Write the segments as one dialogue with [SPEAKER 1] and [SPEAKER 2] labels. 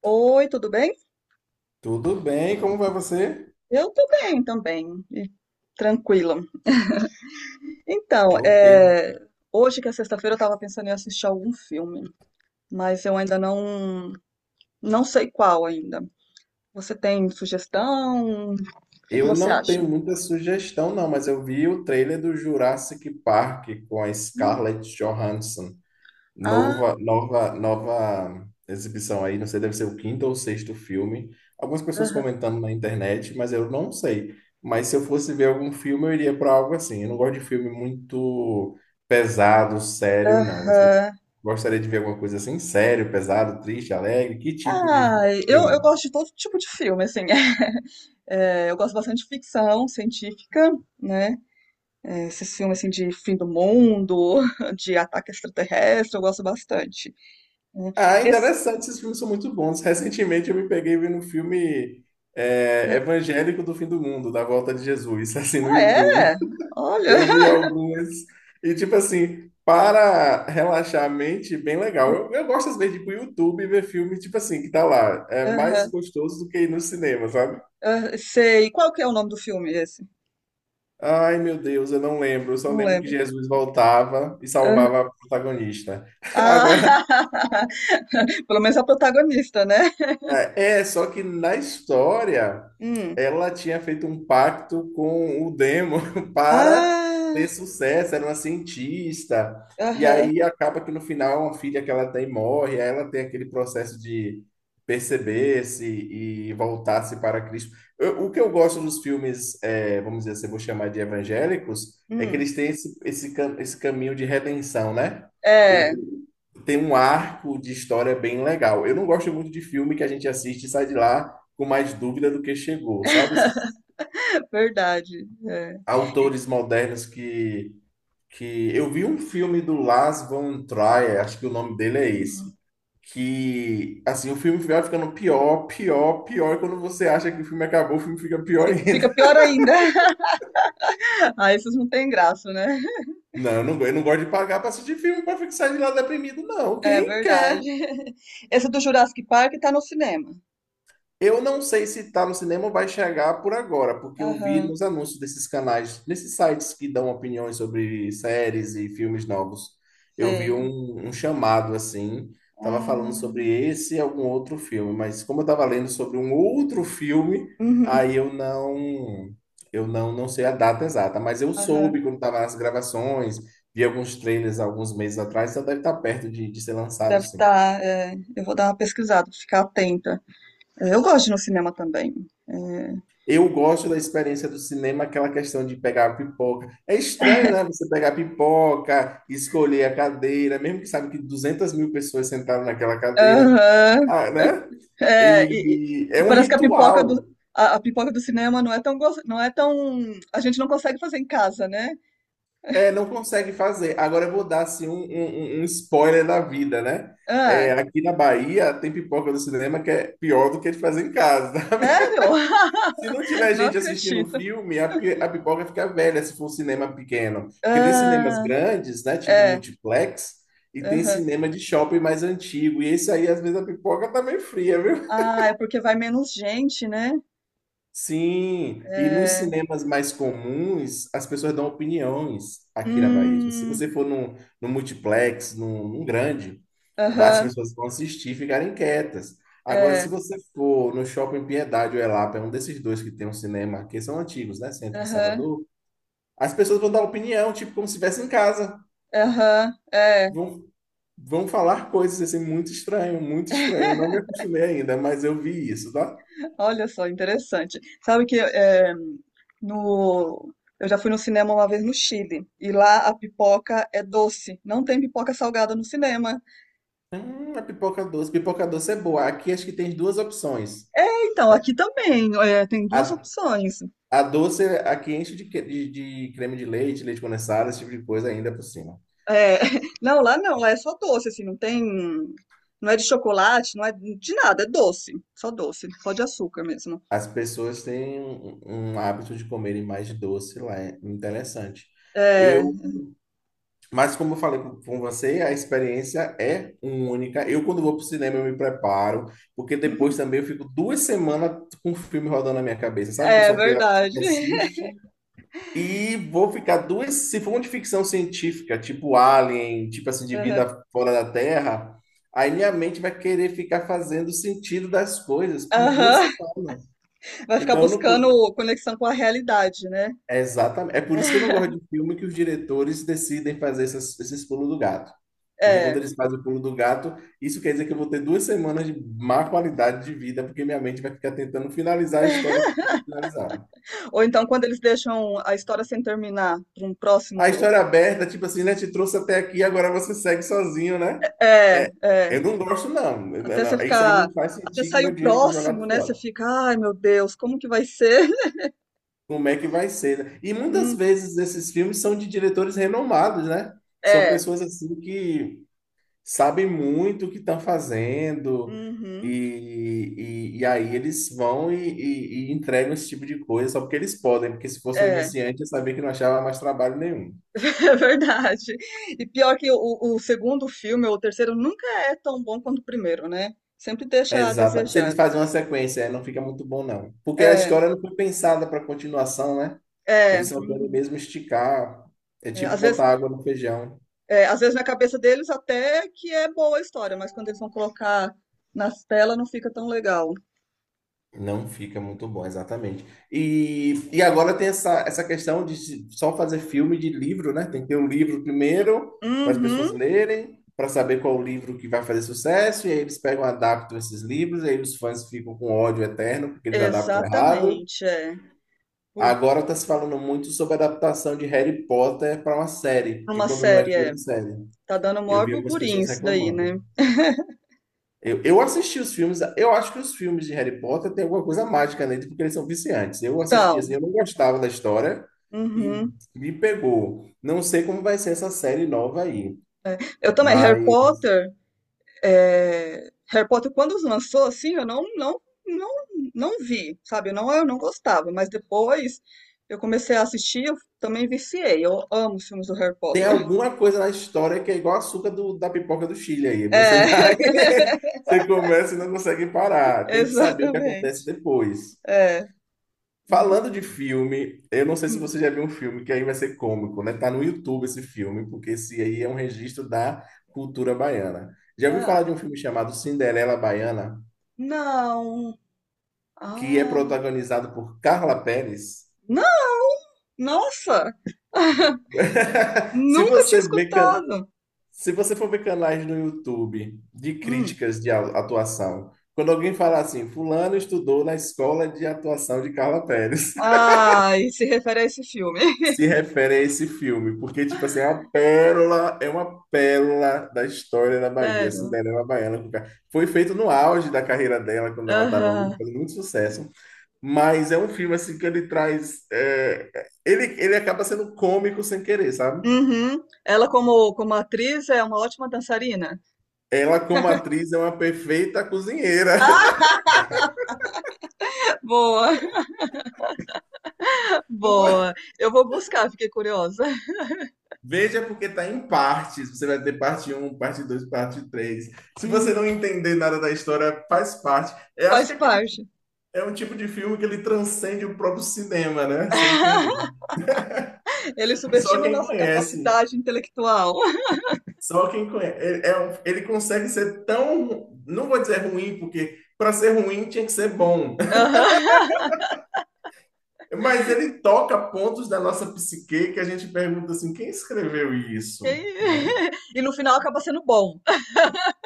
[SPEAKER 1] Oi, tudo bem?
[SPEAKER 2] Tudo bem, como vai você?
[SPEAKER 1] Eu tô bem também, e tranquila. Então,
[SPEAKER 2] Ok.
[SPEAKER 1] é, hoje que é sexta-feira eu tava pensando em assistir algum filme, mas eu ainda não sei qual ainda. Você tem sugestão? O que que
[SPEAKER 2] Eu
[SPEAKER 1] você
[SPEAKER 2] não
[SPEAKER 1] acha?
[SPEAKER 2] tenho muita sugestão, não, mas eu vi o trailer do Jurassic Park com a
[SPEAKER 1] Hum.
[SPEAKER 2] Scarlett Johansson.
[SPEAKER 1] Ah,
[SPEAKER 2] Nova exibição aí, não sei, deve ser o quinto ou sexto filme. Algumas pessoas
[SPEAKER 1] aham,
[SPEAKER 2] comentando na internet, mas eu não sei. Mas se eu fosse ver algum filme, eu iria para algo assim. Eu não gosto de filme muito pesado, sério, não. Você
[SPEAKER 1] aham.
[SPEAKER 2] gostaria de ver alguma coisa assim? Sério, pesado, triste, alegre? Que tipo de
[SPEAKER 1] Ah, eu
[SPEAKER 2] filme?
[SPEAKER 1] gosto de todo tipo de filme, assim. É, eu gosto bastante de ficção científica, né? É, esses filmes assim de fim do mundo, de ataque extraterrestre, eu gosto bastante. Né.
[SPEAKER 2] Ah,
[SPEAKER 1] Esse-
[SPEAKER 2] interessante, esses filmes são muito bons. Recentemente eu me peguei vendo um filme
[SPEAKER 1] É,
[SPEAKER 2] evangélico do fim do mundo, da volta de Jesus, assim, no
[SPEAKER 1] ah,
[SPEAKER 2] YouTube.
[SPEAKER 1] é? Olha.
[SPEAKER 2] Eu vi algumas e, tipo assim, para relaxar a mente, bem legal. Eu gosto, às vezes, de ir pro YouTube e ver filme, tipo assim, que tá lá. É mais
[SPEAKER 1] Aham,
[SPEAKER 2] gostoso do que ir no cinema, sabe?
[SPEAKER 1] aham, sei. Qual que é o nome do filme esse?
[SPEAKER 2] Ai, meu Deus, eu não lembro. Eu só
[SPEAKER 1] Não
[SPEAKER 2] lembro que
[SPEAKER 1] lembro.
[SPEAKER 2] Jesus voltava e
[SPEAKER 1] Aham.
[SPEAKER 2] salvava a protagonista.
[SPEAKER 1] Ah,
[SPEAKER 2] Agora,
[SPEAKER 1] pelo menos a protagonista, né?
[SPEAKER 2] Só que na história
[SPEAKER 1] Hum.
[SPEAKER 2] ela tinha feito um pacto com o Demo para
[SPEAKER 1] Ah,
[SPEAKER 2] ter sucesso, era uma cientista. E
[SPEAKER 1] aham.
[SPEAKER 2] aí acaba que no final uma filha que ela tem morre, aí ela tem aquele processo de
[SPEAKER 1] Uhum,
[SPEAKER 2] perceber-se e voltar-se para Cristo. O que eu gosto dos filmes, é, vamos dizer assim, eu vou chamar de evangélicos, é que
[SPEAKER 1] hum.
[SPEAKER 2] eles têm esse caminho de redenção, né?
[SPEAKER 1] É,
[SPEAKER 2] Tem um arco de história bem legal. Eu não gosto muito de filme que a gente assiste e sai de lá com mais dúvida do que chegou, sabe? Esses
[SPEAKER 1] verdade. É.
[SPEAKER 2] autores modernos eu vi um filme do Lars von Trier, acho que o nome dele é esse,
[SPEAKER 1] Hum.
[SPEAKER 2] que, assim, o filme vai ficando pior, pior, pior, e quando você acha que o filme acabou, o filme fica pior
[SPEAKER 1] Fica
[SPEAKER 2] ainda.
[SPEAKER 1] pior ainda. Ah, esses não têm graça, né?
[SPEAKER 2] Não, eu não gosto de pagar para assistir filme para ficar sair de lá deprimido, não.
[SPEAKER 1] É
[SPEAKER 2] Quem
[SPEAKER 1] verdade.
[SPEAKER 2] quer...
[SPEAKER 1] Esse do Jurassic Park tá no cinema.
[SPEAKER 2] Eu não sei se está no cinema ou vai chegar por agora, porque eu vi
[SPEAKER 1] Aham,
[SPEAKER 2] nos anúncios desses canais, nesses sites que dão opiniões sobre séries e filmes novos, eu vi
[SPEAKER 1] sei.
[SPEAKER 2] um chamado assim, tava falando
[SPEAKER 1] Ah,
[SPEAKER 2] sobre esse e algum outro filme, mas como eu tava lendo sobre um outro filme,
[SPEAKER 1] uhum,
[SPEAKER 2] aí eu não, não sei a data exata, mas eu
[SPEAKER 1] aham.
[SPEAKER 2] soube quando tava nas gravações, vi alguns trailers alguns meses atrás, então deve estar perto de ser lançado,
[SPEAKER 1] Deve
[SPEAKER 2] sim.
[SPEAKER 1] estar. Eu vou dar uma pesquisada, ficar atenta. É, eu gosto de ir no cinema também. É.
[SPEAKER 2] Eu gosto da experiência do cinema, aquela questão de pegar a pipoca. É estranho, né? Você pegar a pipoca, escolher a cadeira, mesmo que sabe que 200.000 pessoas sentaram naquela cadeira,
[SPEAKER 1] Aham.
[SPEAKER 2] ah, né?
[SPEAKER 1] É, e, e-
[SPEAKER 2] E
[SPEAKER 1] e
[SPEAKER 2] é um
[SPEAKER 1] parece que a pipoca do,
[SPEAKER 2] ritual.
[SPEAKER 1] a, a pipoca do cinema não é tão. A gente não consegue fazer em casa, né?
[SPEAKER 2] É, não consegue fazer. Agora eu vou dar assim, um spoiler da vida, né? É,
[SPEAKER 1] Ah,
[SPEAKER 2] aqui na Bahia tem pipoca do cinema que é pior do que de fazer em casa, tá?
[SPEAKER 1] sério?
[SPEAKER 2] Se não tiver
[SPEAKER 1] Não
[SPEAKER 2] gente assistindo o
[SPEAKER 1] acredito.
[SPEAKER 2] filme, a pipoca fica velha se for um cinema pequeno. Porque tem cinemas
[SPEAKER 1] Ah,
[SPEAKER 2] grandes, né? Tipo
[SPEAKER 1] é.
[SPEAKER 2] multiplex, e tem
[SPEAKER 1] Aham.
[SPEAKER 2] cinema de shopping mais antigo. E esse aí, às vezes, a pipoca tá meio fria, viu?
[SPEAKER 1] Ah, é porque vai menos gente, né?
[SPEAKER 2] Sim, e nos
[SPEAKER 1] É,
[SPEAKER 2] cinemas mais comuns, as pessoas dão opiniões aqui na Bahia. Tipo, se
[SPEAKER 1] hum,
[SPEAKER 2] você for num multiplex, num grande, as
[SPEAKER 1] aham,
[SPEAKER 2] pessoas vão assistir e ficarem quietas. Agora, se
[SPEAKER 1] é,
[SPEAKER 2] você for no Shopping Piedade ou Elapa, é um desses dois que tem um cinema, que são antigos, né? Centro de
[SPEAKER 1] aham,
[SPEAKER 2] Salvador, as pessoas vão dar opinião, tipo, como se estivesse em casa.
[SPEAKER 1] aham, é.
[SPEAKER 2] Vão, vão falar coisas assim, muito estranho, muito estranho. Eu não me acostumei ainda, mas eu vi isso, tá?
[SPEAKER 1] Olha só, interessante. Sabe que é, no, eu já fui no cinema uma vez no Chile e lá a pipoca é doce, não tem pipoca salgada no cinema.
[SPEAKER 2] A pipoca doce. Pipoca doce é boa. Aqui acho que tem duas opções.
[SPEAKER 1] Então, aqui também é, tem duas
[SPEAKER 2] A,
[SPEAKER 1] opções.
[SPEAKER 2] a doce aqui enche de creme de leite, leite condensado, esse tipo de coisa ainda por cima.
[SPEAKER 1] É, não, lá não, lá é só doce, assim, não tem, não é de chocolate, não é de nada, é doce, só de açúcar mesmo.
[SPEAKER 2] As pessoas têm um hábito de comerem mais de doce lá, é interessante.
[SPEAKER 1] É,
[SPEAKER 2] Eu, mas como eu falei com você, a experiência é única. Eu, quando vou pro cinema, eu me preparo, porque depois também eu fico 2 semanas com o filme rodando na minha cabeça. Sabe que eu
[SPEAKER 1] é
[SPEAKER 2] sou aquela pessoa
[SPEAKER 1] verdade.
[SPEAKER 2] que assiste e vou ficar duas. Se for uma de ficção científica, tipo Alien, tipo assim, de
[SPEAKER 1] Aham.
[SPEAKER 2] vida fora da Terra, aí minha mente vai querer ficar fazendo sentido das coisas por duas
[SPEAKER 1] Aham.
[SPEAKER 2] semanas.
[SPEAKER 1] Vai ficar
[SPEAKER 2] Então, eu não. cu-
[SPEAKER 1] buscando conexão com a realidade, né?
[SPEAKER 2] é exatamente. É por isso que eu não gosto de filme que os diretores decidem fazer esses pulos do gato. Porque quando
[SPEAKER 1] É.
[SPEAKER 2] eles fazem o pulo do gato, isso quer dizer que eu vou ter 2 semanas de má qualidade de vida, porque minha mente vai ficar tentando finalizar a história que não finalizaram.
[SPEAKER 1] Ou então quando eles deixam a história sem terminar para um
[SPEAKER 2] A
[SPEAKER 1] próximo.
[SPEAKER 2] história aberta, tipo assim, né? Te trouxe até aqui, agora você segue sozinho, né?
[SPEAKER 1] É,
[SPEAKER 2] É,
[SPEAKER 1] é.
[SPEAKER 2] eu não gosto, não.
[SPEAKER 1] Até você
[SPEAKER 2] Isso aí
[SPEAKER 1] ficar.
[SPEAKER 2] me faz
[SPEAKER 1] Até
[SPEAKER 2] sentir que
[SPEAKER 1] sair
[SPEAKER 2] meu
[SPEAKER 1] o
[SPEAKER 2] dinheiro foi
[SPEAKER 1] próximo,
[SPEAKER 2] jogado
[SPEAKER 1] né? Você
[SPEAKER 2] fora.
[SPEAKER 1] fica, ai meu Deus, como que vai ser?
[SPEAKER 2] Como é que vai ser, né? E muitas
[SPEAKER 1] Hum,
[SPEAKER 2] vezes esses filmes são de diretores renomados, né? São
[SPEAKER 1] é.
[SPEAKER 2] pessoas assim que sabem muito o que estão fazendo,
[SPEAKER 1] Uhum,
[SPEAKER 2] e aí eles vão e entregam esse tipo de coisa só porque eles podem, porque se fosse um
[SPEAKER 1] é,
[SPEAKER 2] iniciante, eu sabia que não achava mais trabalho nenhum.
[SPEAKER 1] é verdade. E pior que o segundo filme, ou o terceiro, nunca é tão bom quanto o primeiro, né? Sempre deixa a
[SPEAKER 2] Exata. Se eles
[SPEAKER 1] desejar.
[SPEAKER 2] fazem uma sequência, é, não fica muito bom, não. Porque a
[SPEAKER 1] É,
[SPEAKER 2] história não foi pensada para continuação, né?
[SPEAKER 1] é,
[SPEAKER 2] Eles só querem
[SPEAKER 1] uhum.
[SPEAKER 2] mesmo esticar. É
[SPEAKER 1] É,
[SPEAKER 2] tipo
[SPEAKER 1] às vezes
[SPEAKER 2] botar água no feijão.
[SPEAKER 1] é, às vezes na cabeça deles até que é boa a história, mas quando eles vão colocar nas telas não fica tão legal.
[SPEAKER 2] Não fica muito bom, exatamente. E agora tem essa questão de só fazer filme de livro, né? Tem que ter o livro primeiro, para as pessoas
[SPEAKER 1] Uhum,
[SPEAKER 2] lerem, para saber qual o livro que vai fazer sucesso, e aí eles pegam, adaptam esses livros, e aí os fãs ficam com ódio eterno, porque eles adaptam errado.
[SPEAKER 1] exatamente, é. Por
[SPEAKER 2] Agora está se falando muito sobre a adaptação de Harry Potter para uma série, porque
[SPEAKER 1] Uma
[SPEAKER 2] quando não é
[SPEAKER 1] série, é.
[SPEAKER 2] filme, é série.
[SPEAKER 1] Tá dando
[SPEAKER 2] Eu
[SPEAKER 1] maior
[SPEAKER 2] vi algumas
[SPEAKER 1] burburinho
[SPEAKER 2] pessoas
[SPEAKER 1] isso daí, né?
[SPEAKER 2] reclamando. Eu assisti os filmes, eu acho que os filmes de Harry Potter tem alguma coisa mágica neles, porque eles são viciantes. Eu assisti assim,
[SPEAKER 1] Então,
[SPEAKER 2] eu não gostava da história e
[SPEAKER 1] uhum.
[SPEAKER 2] me pegou. Não sei como vai ser essa série nova aí,
[SPEAKER 1] Eu também, Harry
[SPEAKER 2] mas
[SPEAKER 1] Potter, é, Harry Potter quando lançou, assim, eu não, não, não, não vi, sabe? eu não gostava, mas depois eu comecei a assistir, eu também viciei. Eu amo os filmes do Harry
[SPEAKER 2] tem
[SPEAKER 1] Potter.
[SPEAKER 2] alguma coisa na história que é igual açúcar da pipoca do Chile aí. Você
[SPEAKER 1] É,
[SPEAKER 2] vai, você começa e não consegue parar. Tem que saber o que acontece
[SPEAKER 1] exatamente.
[SPEAKER 2] depois.
[SPEAKER 1] É. Uhum.
[SPEAKER 2] Falando de filme, eu não sei se
[SPEAKER 1] Hum.
[SPEAKER 2] você já viu um filme que aí vai ser cômico, né? Tá no YouTube esse filme, porque esse aí é um registro da cultura baiana. Já ouviu falar
[SPEAKER 1] É.
[SPEAKER 2] de um filme chamado Cinderela Baiana,
[SPEAKER 1] Não.
[SPEAKER 2] que é
[SPEAKER 1] Ah,
[SPEAKER 2] protagonizado por Carla Pérez?
[SPEAKER 1] não! Nossa!
[SPEAKER 2] Se
[SPEAKER 1] Nunca tinha
[SPEAKER 2] você vê, can-
[SPEAKER 1] escutado.
[SPEAKER 2] Se você for ver canais no YouTube de
[SPEAKER 1] Hum.
[SPEAKER 2] críticas de atuação, quando alguém fala assim, fulano estudou na escola de atuação de Carla Pérez,
[SPEAKER 1] Ah, e se refere a esse filme.
[SPEAKER 2] se refere a esse filme, porque, tipo assim, é uma pérola da história da Bahia,
[SPEAKER 1] Sério.
[SPEAKER 2] Cinderela Baiana. Foi feito no auge da carreira dela, quando ela estava
[SPEAKER 1] Aham.
[SPEAKER 2] fazendo muito sucesso, mas é um filme, assim, que ele traz... é, ele acaba sendo cômico sem querer, sabe?
[SPEAKER 1] Uhum. Ela como atriz é uma ótima dançarina.
[SPEAKER 2] Ela, como atriz, é uma perfeita cozinheira.
[SPEAKER 1] Boa, boa. Eu vou buscar, fiquei curiosa.
[SPEAKER 2] Veja porque tá em partes. Você vai ter parte um, parte 2, parte 3. Se você
[SPEAKER 1] Uhum.
[SPEAKER 2] não entender nada da história, faz parte. Eu acho
[SPEAKER 1] Faz
[SPEAKER 2] que aquele...
[SPEAKER 1] parte.
[SPEAKER 2] É um tipo de filme que ele transcende o próprio cinema, né? Sem querer.
[SPEAKER 1] Ele
[SPEAKER 2] Só
[SPEAKER 1] subestima a
[SPEAKER 2] quem
[SPEAKER 1] nossa
[SPEAKER 2] conhece.
[SPEAKER 1] capacidade intelectual.
[SPEAKER 2] Só quem conhece. É um- ele consegue ser tão... Não vou dizer ruim, porque para ser ruim tinha que ser bom.
[SPEAKER 1] Aham.
[SPEAKER 2] Mas ele toca pontos da nossa psique que a gente pergunta assim: quem escreveu
[SPEAKER 1] E
[SPEAKER 2] isso? Né?
[SPEAKER 1] e no final acaba sendo bom.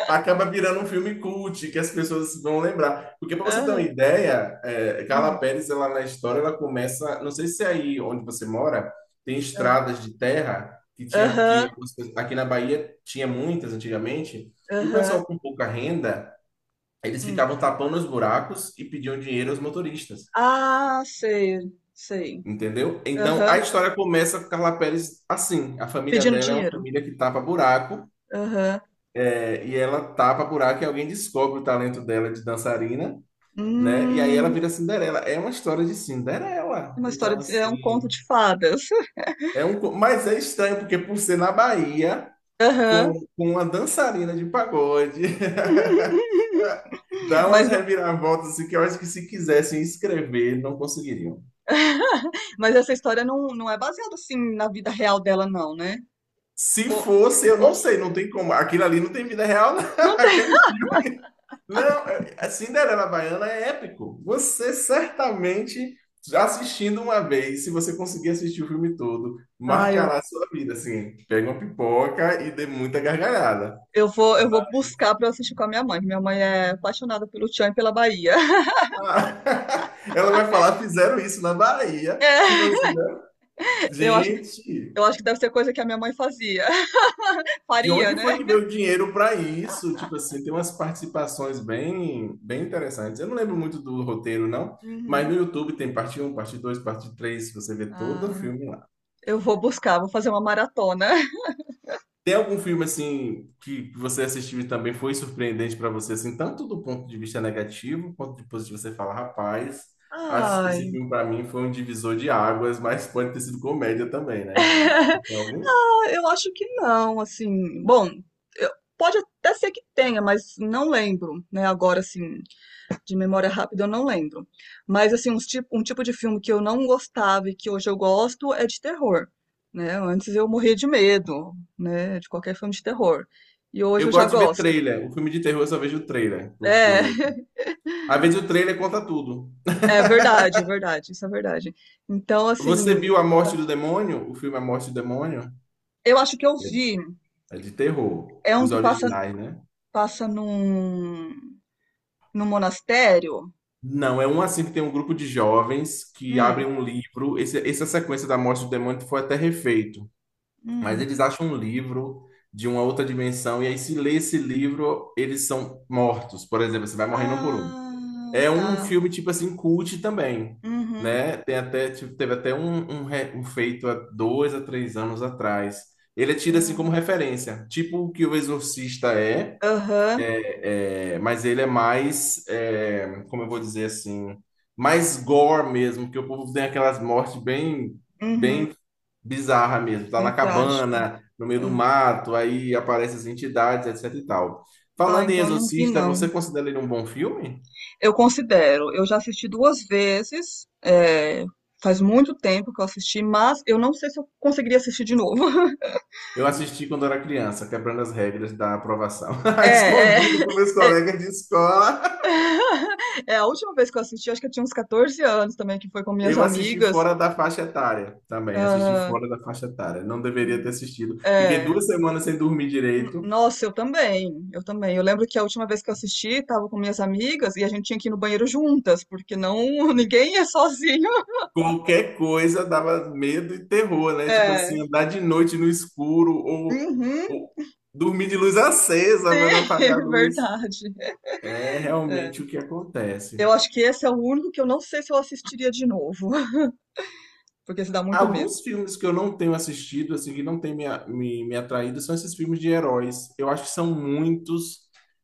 [SPEAKER 2] Acaba virando um filme cult, que as pessoas vão lembrar. Porque para você ter uma
[SPEAKER 1] Aham.
[SPEAKER 2] ideia, é, Carla
[SPEAKER 1] Hum.
[SPEAKER 2] Pérez, ela na história, ela começa, não sei se é aí onde você mora, tem
[SPEAKER 1] Ah,
[SPEAKER 2] estradas de terra que tinha que
[SPEAKER 1] aham,
[SPEAKER 2] algumas pessoas... aqui na Bahia tinha muitas antigamente, e o
[SPEAKER 1] aham.
[SPEAKER 2] pessoal com pouca renda, eles
[SPEAKER 1] Hum.
[SPEAKER 2] ficavam tapando os buracos e pediam dinheiro aos motoristas.
[SPEAKER 1] Ah, sei, sei.
[SPEAKER 2] Entendeu? Então a
[SPEAKER 1] Aham.
[SPEAKER 2] história começa com Carla Pérez assim. A família
[SPEAKER 1] Pedindo
[SPEAKER 2] dela é uma
[SPEAKER 1] dinheiro.
[SPEAKER 2] família que tapa buraco,
[SPEAKER 1] Aham.
[SPEAKER 2] é, e ela tapa buraco e alguém descobre o talento dela de dançarina. Né? E aí ela
[SPEAKER 1] Hum,
[SPEAKER 2] vira Cinderela. É uma história de Cinderela.
[SPEAKER 1] uma
[SPEAKER 2] Então,
[SPEAKER 1] história de é um conto
[SPEAKER 2] assim,
[SPEAKER 1] de fadas.
[SPEAKER 2] é mas é estranho porque por ser na Bahia,
[SPEAKER 1] Aham.
[SPEAKER 2] com uma dançarina de pagode, dá
[SPEAKER 1] Mas
[SPEAKER 2] umas
[SPEAKER 1] não
[SPEAKER 2] reviravoltas assim, que eu acho que se quisessem escrever, não conseguiriam.
[SPEAKER 1] Mas essa história não é baseada, assim, na vida real dela não, né?
[SPEAKER 2] Se
[SPEAKER 1] Ou
[SPEAKER 2] fosse, eu
[SPEAKER 1] ou
[SPEAKER 2] não sei, não tem como. Aquilo ali não tem vida real, não.
[SPEAKER 1] não tem.
[SPEAKER 2] Aquele filme. Não, é- é Cinderela Baiana é épico. Você certamente, já assistindo uma vez, se você conseguir assistir o filme todo,
[SPEAKER 1] Ah, eu
[SPEAKER 2] marcará a sua vida, assim. Pega uma pipoca e dê muita gargalhada.
[SPEAKER 1] eu vou eu vou buscar pra eu assistir com a minha mãe é apaixonada pelo Tchan e pela Bahia.
[SPEAKER 2] Ah, ela vai falar, fizeram isso na Bahia. Tipo
[SPEAKER 1] É,
[SPEAKER 2] assim, né?
[SPEAKER 1] eu acho
[SPEAKER 2] gente,
[SPEAKER 1] eu acho que deve ser coisa que a minha mãe fazia.
[SPEAKER 2] de
[SPEAKER 1] Faria,
[SPEAKER 2] onde foi
[SPEAKER 1] né?
[SPEAKER 2] que veio o dinheiro para isso? Tipo assim, tem umas participações bem, bem interessantes. Eu não lembro muito do roteiro, não, mas no
[SPEAKER 1] Uhum.
[SPEAKER 2] YouTube tem parte um, parte 2, parte 3, você vê todo o
[SPEAKER 1] Ah,
[SPEAKER 2] filme lá.
[SPEAKER 1] eu vou buscar, vou fazer uma maratona.
[SPEAKER 2] Tem algum filme assim que você assistiu e também foi surpreendente para você, assim, tanto do ponto de vista negativo quanto de positivo, você fala, rapaz, esse
[SPEAKER 1] Ai,
[SPEAKER 2] filme para mim foi um divisor de águas, mas pode ter sido comédia também, né? Tem algum?
[SPEAKER 1] ah, eu acho que não, assim. Bom, eu- pode até ser que tenha, mas não lembro, né? Agora, assim, de memória rápida, eu não lembro. Mas, assim, um tipo de filme que eu não gostava e que hoje eu gosto é de terror, né? Antes eu morria de medo, né? De qualquer filme de terror. E hoje
[SPEAKER 2] Eu
[SPEAKER 1] eu já
[SPEAKER 2] gosto de ver
[SPEAKER 1] gosto.
[SPEAKER 2] trailer. O filme de terror eu só vejo o trailer,
[SPEAKER 1] É,
[SPEAKER 2] porque às vezes o trailer conta tudo.
[SPEAKER 1] é verdade, verdade, isso é verdade. Então,
[SPEAKER 2] Você
[SPEAKER 1] assim,
[SPEAKER 2] viu A Morte do Demônio? O filme A Morte do Demônio?
[SPEAKER 1] eu acho que eu vi.
[SPEAKER 2] É de terror.
[SPEAKER 1] É um
[SPEAKER 2] Os
[SPEAKER 1] que passa,
[SPEAKER 2] originais, né?
[SPEAKER 1] passa num monastério.
[SPEAKER 2] Não, é um assim que tem um grupo de jovens que abrem
[SPEAKER 1] Hum,
[SPEAKER 2] um livro. Essa sequência da Morte do Demônio foi até refeito. Mas
[SPEAKER 1] hum.
[SPEAKER 2] eles acham um livro de uma outra dimensão, e aí, se lê esse livro, eles são mortos. Por exemplo, você vai morrendo um por um.
[SPEAKER 1] Ah,
[SPEAKER 2] É um
[SPEAKER 1] tá.
[SPEAKER 2] filme, tipo assim, cult também,
[SPEAKER 1] Uhum.
[SPEAKER 2] né? Tem até, tipo, teve até um feito há 2 a 3 anos atrás. Ele é tido, assim, como referência. Tipo o que o Exorcista é,
[SPEAKER 1] Aham.
[SPEAKER 2] mas ele é mais, como eu vou dizer assim, mais gore mesmo, que o povo tem aquelas mortes bem,
[SPEAKER 1] Uhum.
[SPEAKER 2] bem bizarra mesmo. Tá
[SPEAKER 1] Bem
[SPEAKER 2] na
[SPEAKER 1] trágico.
[SPEAKER 2] cabana, no meio
[SPEAKER 1] É.
[SPEAKER 2] do mato, aí aparecem as entidades, etc e tal.
[SPEAKER 1] Ah,
[SPEAKER 2] Falando em
[SPEAKER 1] então eu não vi,
[SPEAKER 2] Exorcista, você
[SPEAKER 1] não.
[SPEAKER 2] considera ele um bom filme?
[SPEAKER 1] Eu considero. Eu já assisti duas vezes. É, faz muito tempo que eu assisti, mas eu não sei se eu conseguiria assistir de novo.
[SPEAKER 2] Eu assisti quando era criança, quebrando as regras da aprovação.
[SPEAKER 1] É, é,
[SPEAKER 2] Escondido com meus
[SPEAKER 1] é,
[SPEAKER 2] colegas de escola.
[SPEAKER 1] é a última vez que eu assisti, acho que eu tinha uns 14 anos também, que foi com minhas
[SPEAKER 2] Eu assisti
[SPEAKER 1] amigas.
[SPEAKER 2] fora da faixa etária também. Assisti fora da faixa etária. Não deveria
[SPEAKER 1] Ah,
[SPEAKER 2] ter assistido. Fiquei
[SPEAKER 1] é,
[SPEAKER 2] 2 semanas sem dormir direito.
[SPEAKER 1] nossa, eu também, eu também. Eu lembro que a última vez que eu assisti, tava com minhas amigas e a gente tinha que ir no banheiro juntas, porque não, ninguém é sozinho.
[SPEAKER 2] Qualquer coisa dava medo e terror, né? Tipo
[SPEAKER 1] É,
[SPEAKER 2] assim, andar de noite no escuro ou,
[SPEAKER 1] uhum,
[SPEAKER 2] ou dormir de luz acesa para não
[SPEAKER 1] é
[SPEAKER 2] apagar a luz.
[SPEAKER 1] verdade.
[SPEAKER 2] É
[SPEAKER 1] É.
[SPEAKER 2] realmente o que
[SPEAKER 1] Eu
[SPEAKER 2] acontece.
[SPEAKER 1] acho que esse é o único que eu não sei se eu assistiria de novo, porque se dá muito medo.
[SPEAKER 2] Alguns filmes que eu não tenho assistido, assim, que não tem me atraído, são esses filmes de heróis. Eu acho que são muitos,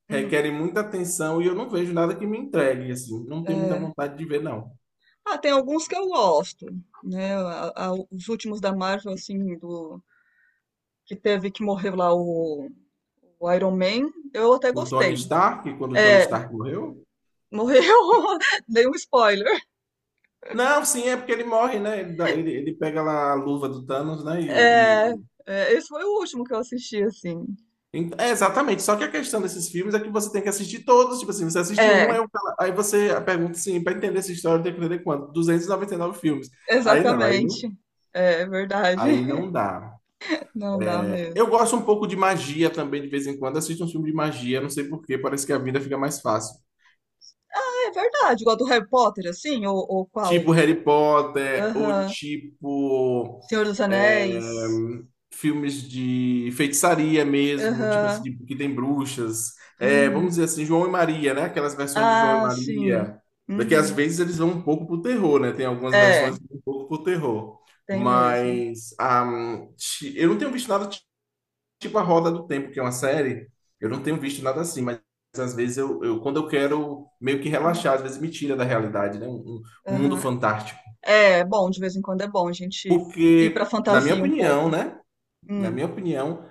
[SPEAKER 1] Hum,
[SPEAKER 2] requerem muita atenção e eu não vejo nada que me entregue, assim. Não tenho muita
[SPEAKER 1] é.
[SPEAKER 2] vontade de ver, não.
[SPEAKER 1] Ah, tem alguns que eu gosto, né? Os últimos da Marvel, assim, do que teve que morrer lá o Iron Man, eu até
[SPEAKER 2] O Tony
[SPEAKER 1] gostei.
[SPEAKER 2] Stark, quando o Tony
[SPEAKER 1] É,
[SPEAKER 2] Stark morreu?
[SPEAKER 1] morreu? Dei um spoiler.
[SPEAKER 2] Não, sim, é porque ele morre, né? Ele pega lá a luva do Thanos, né?
[SPEAKER 1] É, é, esse foi o último que eu assisti, assim.
[SPEAKER 2] É, exatamente. Só que a questão desses filmes é que você tem que assistir todos. Tipo assim, você assiste um,
[SPEAKER 1] É,
[SPEAKER 2] aí, aí você pergunta assim, para entender essa história, tem que entender quanto? 299 filmes. Aí não, aí não
[SPEAKER 1] exatamente. É verdade.
[SPEAKER 2] Aí não dá.
[SPEAKER 1] Não dá mesmo.
[SPEAKER 2] Eu gosto um pouco de magia também, de vez em quando. Assisto um filme de magia, não sei por quê, parece que a vida fica mais fácil.
[SPEAKER 1] É verdade, igual do Harry Potter, assim, ou, qual?
[SPEAKER 2] Tipo Harry Potter, ou
[SPEAKER 1] Aham.
[SPEAKER 2] tipo
[SPEAKER 1] Senhor dos
[SPEAKER 2] é,
[SPEAKER 1] Anéis.
[SPEAKER 2] filmes de feitiçaria mesmo, tipo assim,
[SPEAKER 1] Aham.
[SPEAKER 2] que tem bruxas. É, vamos
[SPEAKER 1] Uhum.
[SPEAKER 2] dizer assim, João e Maria, né? Aquelas versões de João e
[SPEAKER 1] Ah, sim.
[SPEAKER 2] Maria. Daqui às
[SPEAKER 1] Uhum.
[SPEAKER 2] vezes eles vão um pouco pro terror, né? Tem algumas
[SPEAKER 1] É,
[SPEAKER 2] versões que vão um pouco pro terror.
[SPEAKER 1] tem mesmo.
[SPEAKER 2] Mas eu não tenho visto nada tipo a Roda do Tempo, que é uma série, eu não tenho visto nada assim, mas às vezes quando eu quero meio que
[SPEAKER 1] Hum,
[SPEAKER 2] relaxar, às vezes me tira da realidade, né? Um mundo
[SPEAKER 1] Aham.
[SPEAKER 2] fantástico.
[SPEAKER 1] É, bom, de vez em quando é bom a gente ir pra
[SPEAKER 2] Porque, na minha
[SPEAKER 1] fantasia um
[SPEAKER 2] opinião,
[SPEAKER 1] pouco.
[SPEAKER 2] né? Na
[SPEAKER 1] Hum,
[SPEAKER 2] minha opinião,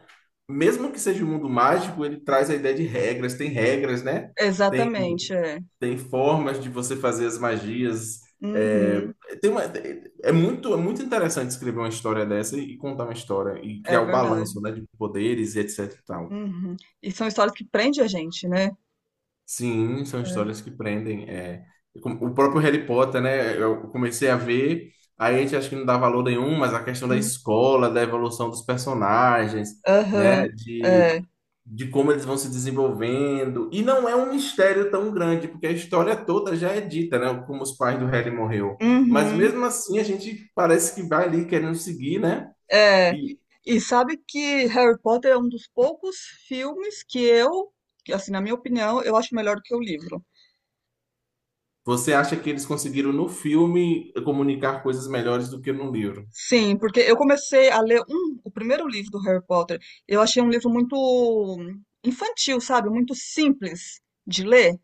[SPEAKER 2] mesmo que seja um mundo mágico, ele traz a ideia de regras, tem regras, né? Tem,
[SPEAKER 1] exatamente, é.
[SPEAKER 2] tem formas de você fazer as magias. É,
[SPEAKER 1] Uhum,
[SPEAKER 2] tem uma, é é muito, É muito interessante escrever uma história dessa e contar uma história e
[SPEAKER 1] é
[SPEAKER 2] criar o
[SPEAKER 1] verdade.
[SPEAKER 2] balanço, né, de poderes e etc e tal.
[SPEAKER 1] Uhum. E são histórias que prendem a gente, né?
[SPEAKER 2] Sim, são
[SPEAKER 1] É.
[SPEAKER 2] histórias que prendem. É, o próprio Harry Potter, né? Eu comecei a ver, aí a gente acha que não dá valor nenhum, mas a questão da
[SPEAKER 1] Hum.
[SPEAKER 2] escola, da evolução dos personagens, né?
[SPEAKER 1] Aham.
[SPEAKER 2] De,
[SPEAKER 1] É.
[SPEAKER 2] de como eles vão se desenvolvendo. E não é um mistério tão grande, porque a história toda já é dita, né? Como os pais do Harry morreu. Mas
[SPEAKER 1] Uhum.
[SPEAKER 2] mesmo assim, a gente parece que vai ali querendo seguir, né?
[SPEAKER 1] É.
[SPEAKER 2] E
[SPEAKER 1] E sabe que Harry Potter é um dos poucos filmes que, assim, na minha opinião, eu acho melhor do que o livro.
[SPEAKER 2] você acha que eles conseguiram no filme comunicar coisas melhores do que no livro.
[SPEAKER 1] Sim, porque eu comecei a ler o primeiro livro do Harry Potter. Eu achei um livro muito infantil, sabe? Muito simples de ler.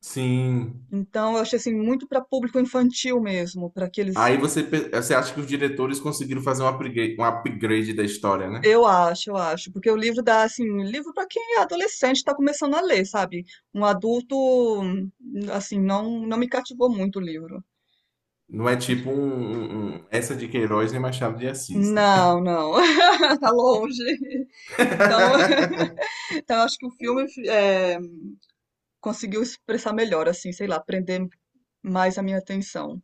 [SPEAKER 2] Sim.
[SPEAKER 1] Então, eu achei assim muito para público infantil mesmo, para aqueles.
[SPEAKER 2] Aí você acha que os diretores conseguiram fazer um upgrade, da história, né?
[SPEAKER 1] Eu acho, porque o livro dá assim, um livro para quem é adolescente está começando a ler, sabe? Um adulto, hum, assim não me cativou muito o livro.
[SPEAKER 2] Não é tipo essa de Queiroz nem Machado de Assis, né?
[SPEAKER 1] Não, não, tá longe. Então, então eu acho que o filme conseguiu expressar melhor, assim, sei lá, prender mais a minha atenção.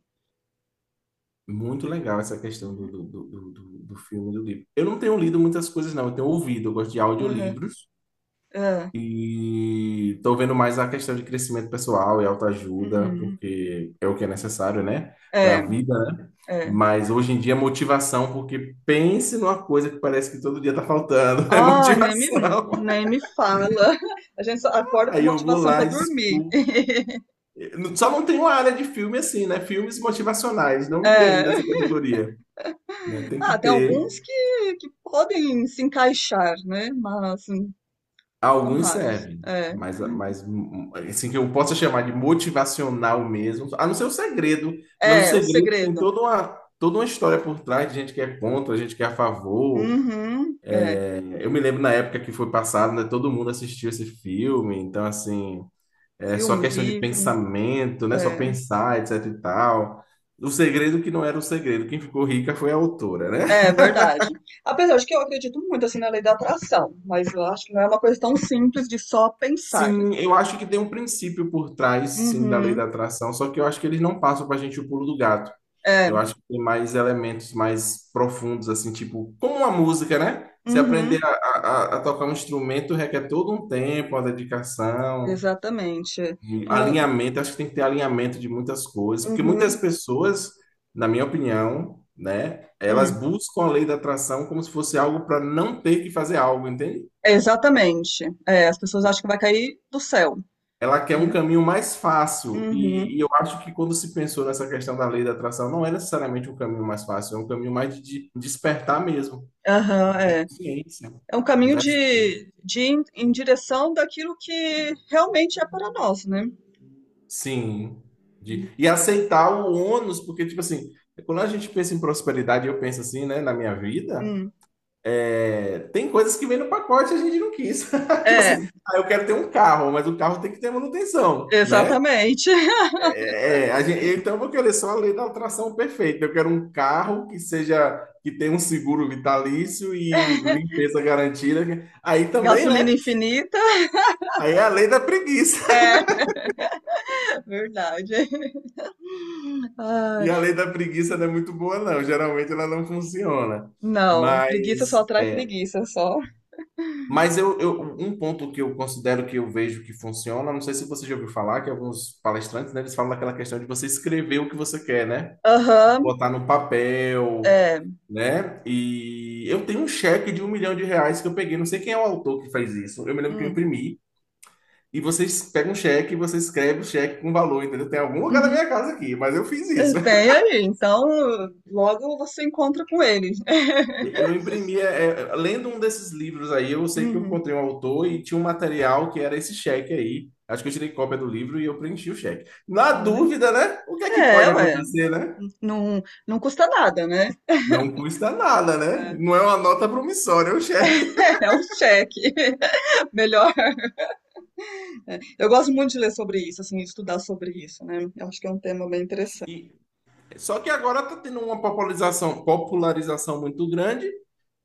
[SPEAKER 2] Muito legal essa questão do,
[SPEAKER 1] Uhum,
[SPEAKER 2] do, do, do, do do filme e do livro. Eu não tenho lido muitas coisas, não. Eu tenho ouvido, eu gosto de
[SPEAKER 1] uhum,
[SPEAKER 2] audiolivros.
[SPEAKER 1] é,
[SPEAKER 2] E estou vendo mais a questão de crescimento pessoal e autoajuda,
[SPEAKER 1] uhum.
[SPEAKER 2] porque é o que é necessário, né? Para
[SPEAKER 1] É,
[SPEAKER 2] a vida, né?
[SPEAKER 1] é.
[SPEAKER 2] Mas hoje em dia, é motivação, porque pense numa coisa que parece que todo dia está faltando, é
[SPEAKER 1] Ah, nem me,
[SPEAKER 2] motivação.
[SPEAKER 1] nem me fala. A gente só acorda com
[SPEAKER 2] Aí eu vou
[SPEAKER 1] motivação
[SPEAKER 2] lá
[SPEAKER 1] para
[SPEAKER 2] e
[SPEAKER 1] dormir.
[SPEAKER 2] escuto. Só não tem uma área de filme assim, né? Filmes motivacionais, não vi ainda
[SPEAKER 1] É.
[SPEAKER 2] essa categoria, né? Tem que
[SPEAKER 1] Ah, tem alguns
[SPEAKER 2] ter.
[SPEAKER 1] que podem se encaixar, né? Mas, são
[SPEAKER 2] Alguns
[SPEAKER 1] raros.
[SPEAKER 2] servem,
[SPEAKER 1] É,
[SPEAKER 2] mas,
[SPEAKER 1] uhum.
[SPEAKER 2] assim que eu possa chamar de motivacional mesmo, a não ser o segredo, mas o
[SPEAKER 1] É o
[SPEAKER 2] segredo tem
[SPEAKER 1] segredo.
[SPEAKER 2] toda uma história por trás de gente que é contra, gente que é a favor.
[SPEAKER 1] Uhum, é.
[SPEAKER 2] É, eu me lembro na época que foi passado, né, todo mundo assistiu esse filme, então assim, é
[SPEAKER 1] Filme,
[SPEAKER 2] só
[SPEAKER 1] o
[SPEAKER 2] questão de
[SPEAKER 1] livro.
[SPEAKER 2] pensamento, né, só
[SPEAKER 1] É,
[SPEAKER 2] pensar, etc e tal. O segredo que não era o segredo, quem ficou rica foi a autora, né?
[SPEAKER 1] é verdade. Apesar de que eu acredito muito assim na lei da atração, mas eu acho que não é uma coisa tão simples de só pensar.
[SPEAKER 2] Sim, eu acho que tem um princípio por trás, sim, da lei da
[SPEAKER 1] Uhum,
[SPEAKER 2] atração, só que eu acho que eles não passam pra gente o pulo do gato.
[SPEAKER 1] é,
[SPEAKER 2] Eu acho que tem mais elementos mais profundos, assim, tipo, como a música, né? Você aprender
[SPEAKER 1] uhum,
[SPEAKER 2] a tocar um instrumento requer todo um tempo, uma dedicação,
[SPEAKER 1] exatamente.
[SPEAKER 2] e
[SPEAKER 1] Com,
[SPEAKER 2] alinhamento. Acho que tem que ter alinhamento de muitas coisas, porque muitas
[SPEAKER 1] uhum,
[SPEAKER 2] pessoas, na minha opinião, né, elas
[SPEAKER 1] hum,
[SPEAKER 2] buscam a lei da atração como se fosse algo para não ter que fazer algo, entende?
[SPEAKER 1] exatamente. É, as pessoas acham que vai cair do céu,
[SPEAKER 2] Ela quer um
[SPEAKER 1] né?
[SPEAKER 2] caminho mais fácil.
[SPEAKER 1] Uhum,
[SPEAKER 2] E eu acho que quando se pensou nessa questão da lei da atração, não é necessariamente um caminho mais fácil, é um caminho mais de despertar mesmo, de
[SPEAKER 1] aham,
[SPEAKER 2] ter
[SPEAKER 1] é.
[SPEAKER 2] consciência
[SPEAKER 1] É um caminho
[SPEAKER 2] das coisas.
[SPEAKER 1] de ir em direção daquilo que realmente é para nós, né?
[SPEAKER 2] Sim. E aceitar o ônus, porque, tipo assim, quando a gente pensa em prosperidade, eu penso assim, né, na minha vida,
[SPEAKER 1] Hum.
[SPEAKER 2] tem coisas que vêm no pacote e a gente não quis. Tipo
[SPEAKER 1] É,
[SPEAKER 2] assim, ah, eu quero ter um carro, mas o carro tem que ter manutenção, né?
[SPEAKER 1] exatamente.
[SPEAKER 2] É, então eu vou querer só a lei da atração perfeita. Eu quero um carro que tenha um seguro vitalício e limpeza garantida. Aí também,
[SPEAKER 1] Gasolina
[SPEAKER 2] né?
[SPEAKER 1] infinita,
[SPEAKER 2] Aí é a lei da preguiça.
[SPEAKER 1] é verdade. Ai,
[SPEAKER 2] E a lei da preguiça não é muito boa, não. Geralmente ela não funciona.
[SPEAKER 1] não, preguiça só
[SPEAKER 2] Mas,
[SPEAKER 1] atrai
[SPEAKER 2] é,
[SPEAKER 1] preguiça, só.
[SPEAKER 2] mas um ponto que eu considero que eu vejo que funciona, não sei se você já ouviu falar, que alguns palestrantes, né, eles falam daquela questão de você escrever o que você quer, né?
[SPEAKER 1] Aham,
[SPEAKER 2] Botar no papel,
[SPEAKER 1] é.
[SPEAKER 2] né? E eu tenho um cheque de 1 milhão de reais que eu peguei. Não sei quem é o autor que faz isso. Eu me lembro que eu
[SPEAKER 1] Hum,
[SPEAKER 2] imprimi. E você pega um cheque e você escreve o cheque com valor, entendeu? Tem algum lugar na
[SPEAKER 1] uhum.
[SPEAKER 2] minha casa aqui, mas eu fiz
[SPEAKER 1] É,
[SPEAKER 2] isso.
[SPEAKER 1] tem aí, então logo você encontra com ele.
[SPEAKER 2] Eu imprimi, lendo um desses livros aí, eu sei que eu
[SPEAKER 1] Uhum,
[SPEAKER 2] encontrei um autor e tinha um material que era esse cheque aí. Acho que eu tirei cópia do livro e eu preenchi o cheque. Na
[SPEAKER 1] olha.
[SPEAKER 2] dúvida, né? O que é que
[SPEAKER 1] É,
[SPEAKER 2] pode
[SPEAKER 1] ué,
[SPEAKER 2] acontecer, né?
[SPEAKER 1] não, não custa nada, né?
[SPEAKER 2] Não custa nada,
[SPEAKER 1] É,
[SPEAKER 2] né? Não é uma nota promissória, é um cheque.
[SPEAKER 1] é um cheque. Melhor É, eu gosto muito de ler sobre isso, assim, estudar sobre isso, né? Eu acho que é um tema bem interessante.
[SPEAKER 2] E Só que agora está tendo uma popularização muito grande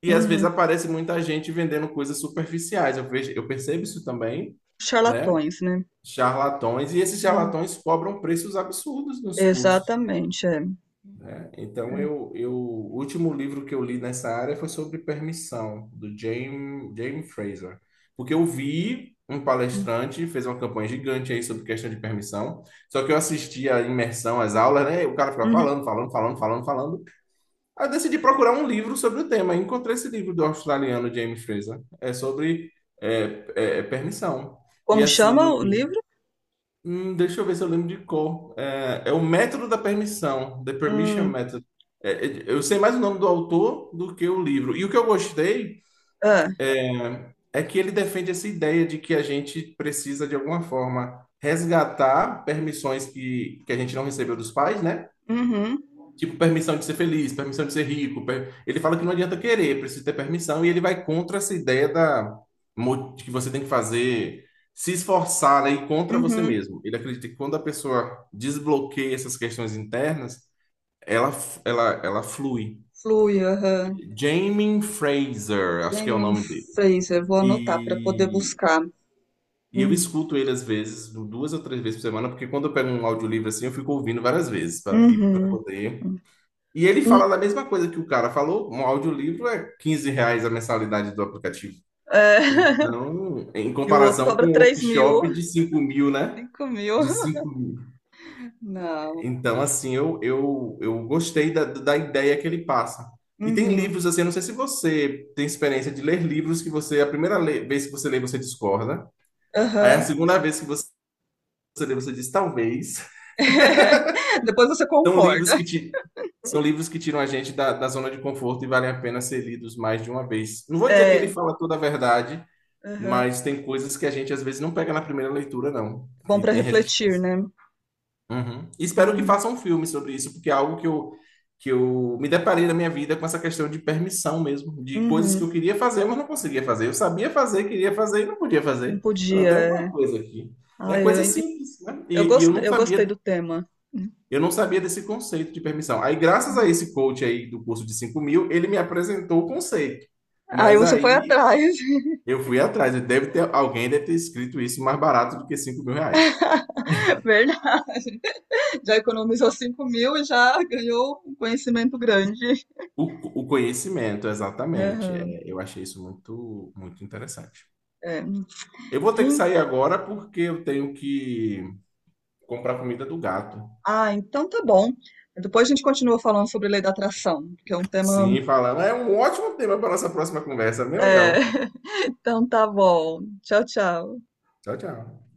[SPEAKER 2] e às vezes
[SPEAKER 1] Uhum.
[SPEAKER 2] aparece muita gente vendendo coisas superficiais. Eu vejo, eu percebo isso também, né?
[SPEAKER 1] Charlatões, né?
[SPEAKER 2] Charlatões, e esses
[SPEAKER 1] Uhum.
[SPEAKER 2] charlatões cobram preços absurdos nos cursos,
[SPEAKER 1] Exatamente, é.
[SPEAKER 2] né? Então eu o último livro que eu li nessa área foi sobre permissão, do James Fraser. Porque eu vi um
[SPEAKER 1] Hum,
[SPEAKER 2] palestrante fez uma campanha gigante aí sobre questão de permissão. Só que eu assisti a imersão, as aulas, né? O cara ficava
[SPEAKER 1] uhum.
[SPEAKER 2] falando, falando, falando, falando, falando. Aí eu decidi procurar um livro sobre o tema. Encontrei esse livro do australiano James Fraser. É sobre permissão. E
[SPEAKER 1] Como
[SPEAKER 2] assim,
[SPEAKER 1] chama o livro?
[SPEAKER 2] deixa eu ver se eu lembro de cor. É o método da permissão, The Permission
[SPEAKER 1] Hum,
[SPEAKER 2] Method. É, eu sei mais o nome do autor do que o livro. E o que eu gostei
[SPEAKER 1] é.
[SPEAKER 2] é que ele defende essa ideia de que a gente precisa, de alguma forma, resgatar permissões que a gente não recebeu dos pais, né?
[SPEAKER 1] Uhum,
[SPEAKER 2] Tipo, permissão de ser feliz, permissão de ser rico. Ele fala que não adianta querer, precisa ter permissão, e ele vai contra essa ideia de que você tem que fazer, se esforçar, né, e contra você
[SPEAKER 1] uhum.
[SPEAKER 2] mesmo. Ele acredita que quando a pessoa desbloqueia essas questões internas, ela flui.
[SPEAKER 1] Flui, aham.
[SPEAKER 2] Jamie Fraser, acho que é o
[SPEAKER 1] Jamie
[SPEAKER 2] nome dele.
[SPEAKER 1] Fraser, vou anotar para poder
[SPEAKER 2] E,
[SPEAKER 1] buscar.
[SPEAKER 2] e eu
[SPEAKER 1] Hum,
[SPEAKER 2] escuto ele às vezes, duas ou três vezes por semana, porque quando eu pego um audiolivro assim, eu fico ouvindo várias vezes para
[SPEAKER 1] Uhum.
[SPEAKER 2] poder. E ele fala
[SPEAKER 1] Hum,
[SPEAKER 2] da mesma coisa que o cara falou, um audiolivro é R$ 15 a mensalidade do aplicativo.
[SPEAKER 1] é.
[SPEAKER 2] Então, em
[SPEAKER 1] E o outro
[SPEAKER 2] comparação com
[SPEAKER 1] cobra
[SPEAKER 2] um
[SPEAKER 1] 3.000,
[SPEAKER 2] workshop de 5 mil, né?
[SPEAKER 1] 5.000.
[SPEAKER 2] De 5 mil.
[SPEAKER 1] Não.
[SPEAKER 2] Então, assim, eu gostei da ideia que ele passa. E tem
[SPEAKER 1] Uhum.
[SPEAKER 2] livros, assim, eu não sei se você tem experiência de ler livros que você, a primeira vez que você lê, você discorda. Aí a
[SPEAKER 1] Aham.
[SPEAKER 2] segunda vez que você lê, você diz talvez.
[SPEAKER 1] Depois você
[SPEAKER 2] São livros
[SPEAKER 1] concorda.
[SPEAKER 2] que ti- são livros que tiram a gente da zona de conforto e valem a pena ser lidos mais de uma vez. Não vou dizer que ele
[SPEAKER 1] É.
[SPEAKER 2] fala toda a verdade,
[SPEAKER 1] Aham.
[SPEAKER 2] mas tem coisas que a gente às vezes não pega na primeira leitura, não,
[SPEAKER 1] Bom
[SPEAKER 2] que
[SPEAKER 1] para
[SPEAKER 2] tem
[SPEAKER 1] refletir,
[SPEAKER 2] resistência.
[SPEAKER 1] né?
[SPEAKER 2] Uhum. E espero que
[SPEAKER 1] Uhum.
[SPEAKER 2] façam um filme sobre isso, porque é algo que eu, me deparei na minha vida com essa questão de permissão mesmo, de coisas que
[SPEAKER 1] Uhum.
[SPEAKER 2] eu queria fazer, mas não conseguia fazer. Eu sabia fazer, queria fazer e não podia
[SPEAKER 1] Não
[SPEAKER 2] fazer. Não,
[SPEAKER 1] podia.
[SPEAKER 2] tem alguma
[SPEAKER 1] É.
[SPEAKER 2] coisa aqui. Né?
[SPEAKER 1] Ai,
[SPEAKER 2] Coisa
[SPEAKER 1] eu,
[SPEAKER 2] simples, né?
[SPEAKER 1] eu,
[SPEAKER 2] E eu
[SPEAKER 1] gost,
[SPEAKER 2] não
[SPEAKER 1] eu gostei do
[SPEAKER 2] sabia
[SPEAKER 1] tema.
[SPEAKER 2] desse conceito de permissão. Aí, graças a
[SPEAKER 1] Uhum.
[SPEAKER 2] esse coach aí do curso de 5 mil, ele me apresentou o conceito.
[SPEAKER 1] Aí
[SPEAKER 2] Mas
[SPEAKER 1] você foi
[SPEAKER 2] aí
[SPEAKER 1] atrás,
[SPEAKER 2] eu fui atrás. Deve ter, alguém deve ter escrito isso mais barato do que 5 mil reais.
[SPEAKER 1] verdade. Já economizou 5.000 e já ganhou um conhecimento grande.
[SPEAKER 2] O conhecimento, exatamente.
[SPEAKER 1] Aham,
[SPEAKER 2] É, eu achei isso muito, muito interessante.
[SPEAKER 1] é.
[SPEAKER 2] Eu vou ter que
[SPEAKER 1] E-
[SPEAKER 2] sair agora porque eu tenho que comprar comida do gato.
[SPEAKER 1] ah, então tá bom. Depois a gente continua falando sobre lei da atração, que é um tema.
[SPEAKER 2] Sim, falando. É um ótimo tema para nossa próxima conversa. Bem
[SPEAKER 1] É.
[SPEAKER 2] legal.
[SPEAKER 1] Então tá bom. Tchau, tchau.
[SPEAKER 2] Tchau, tchau.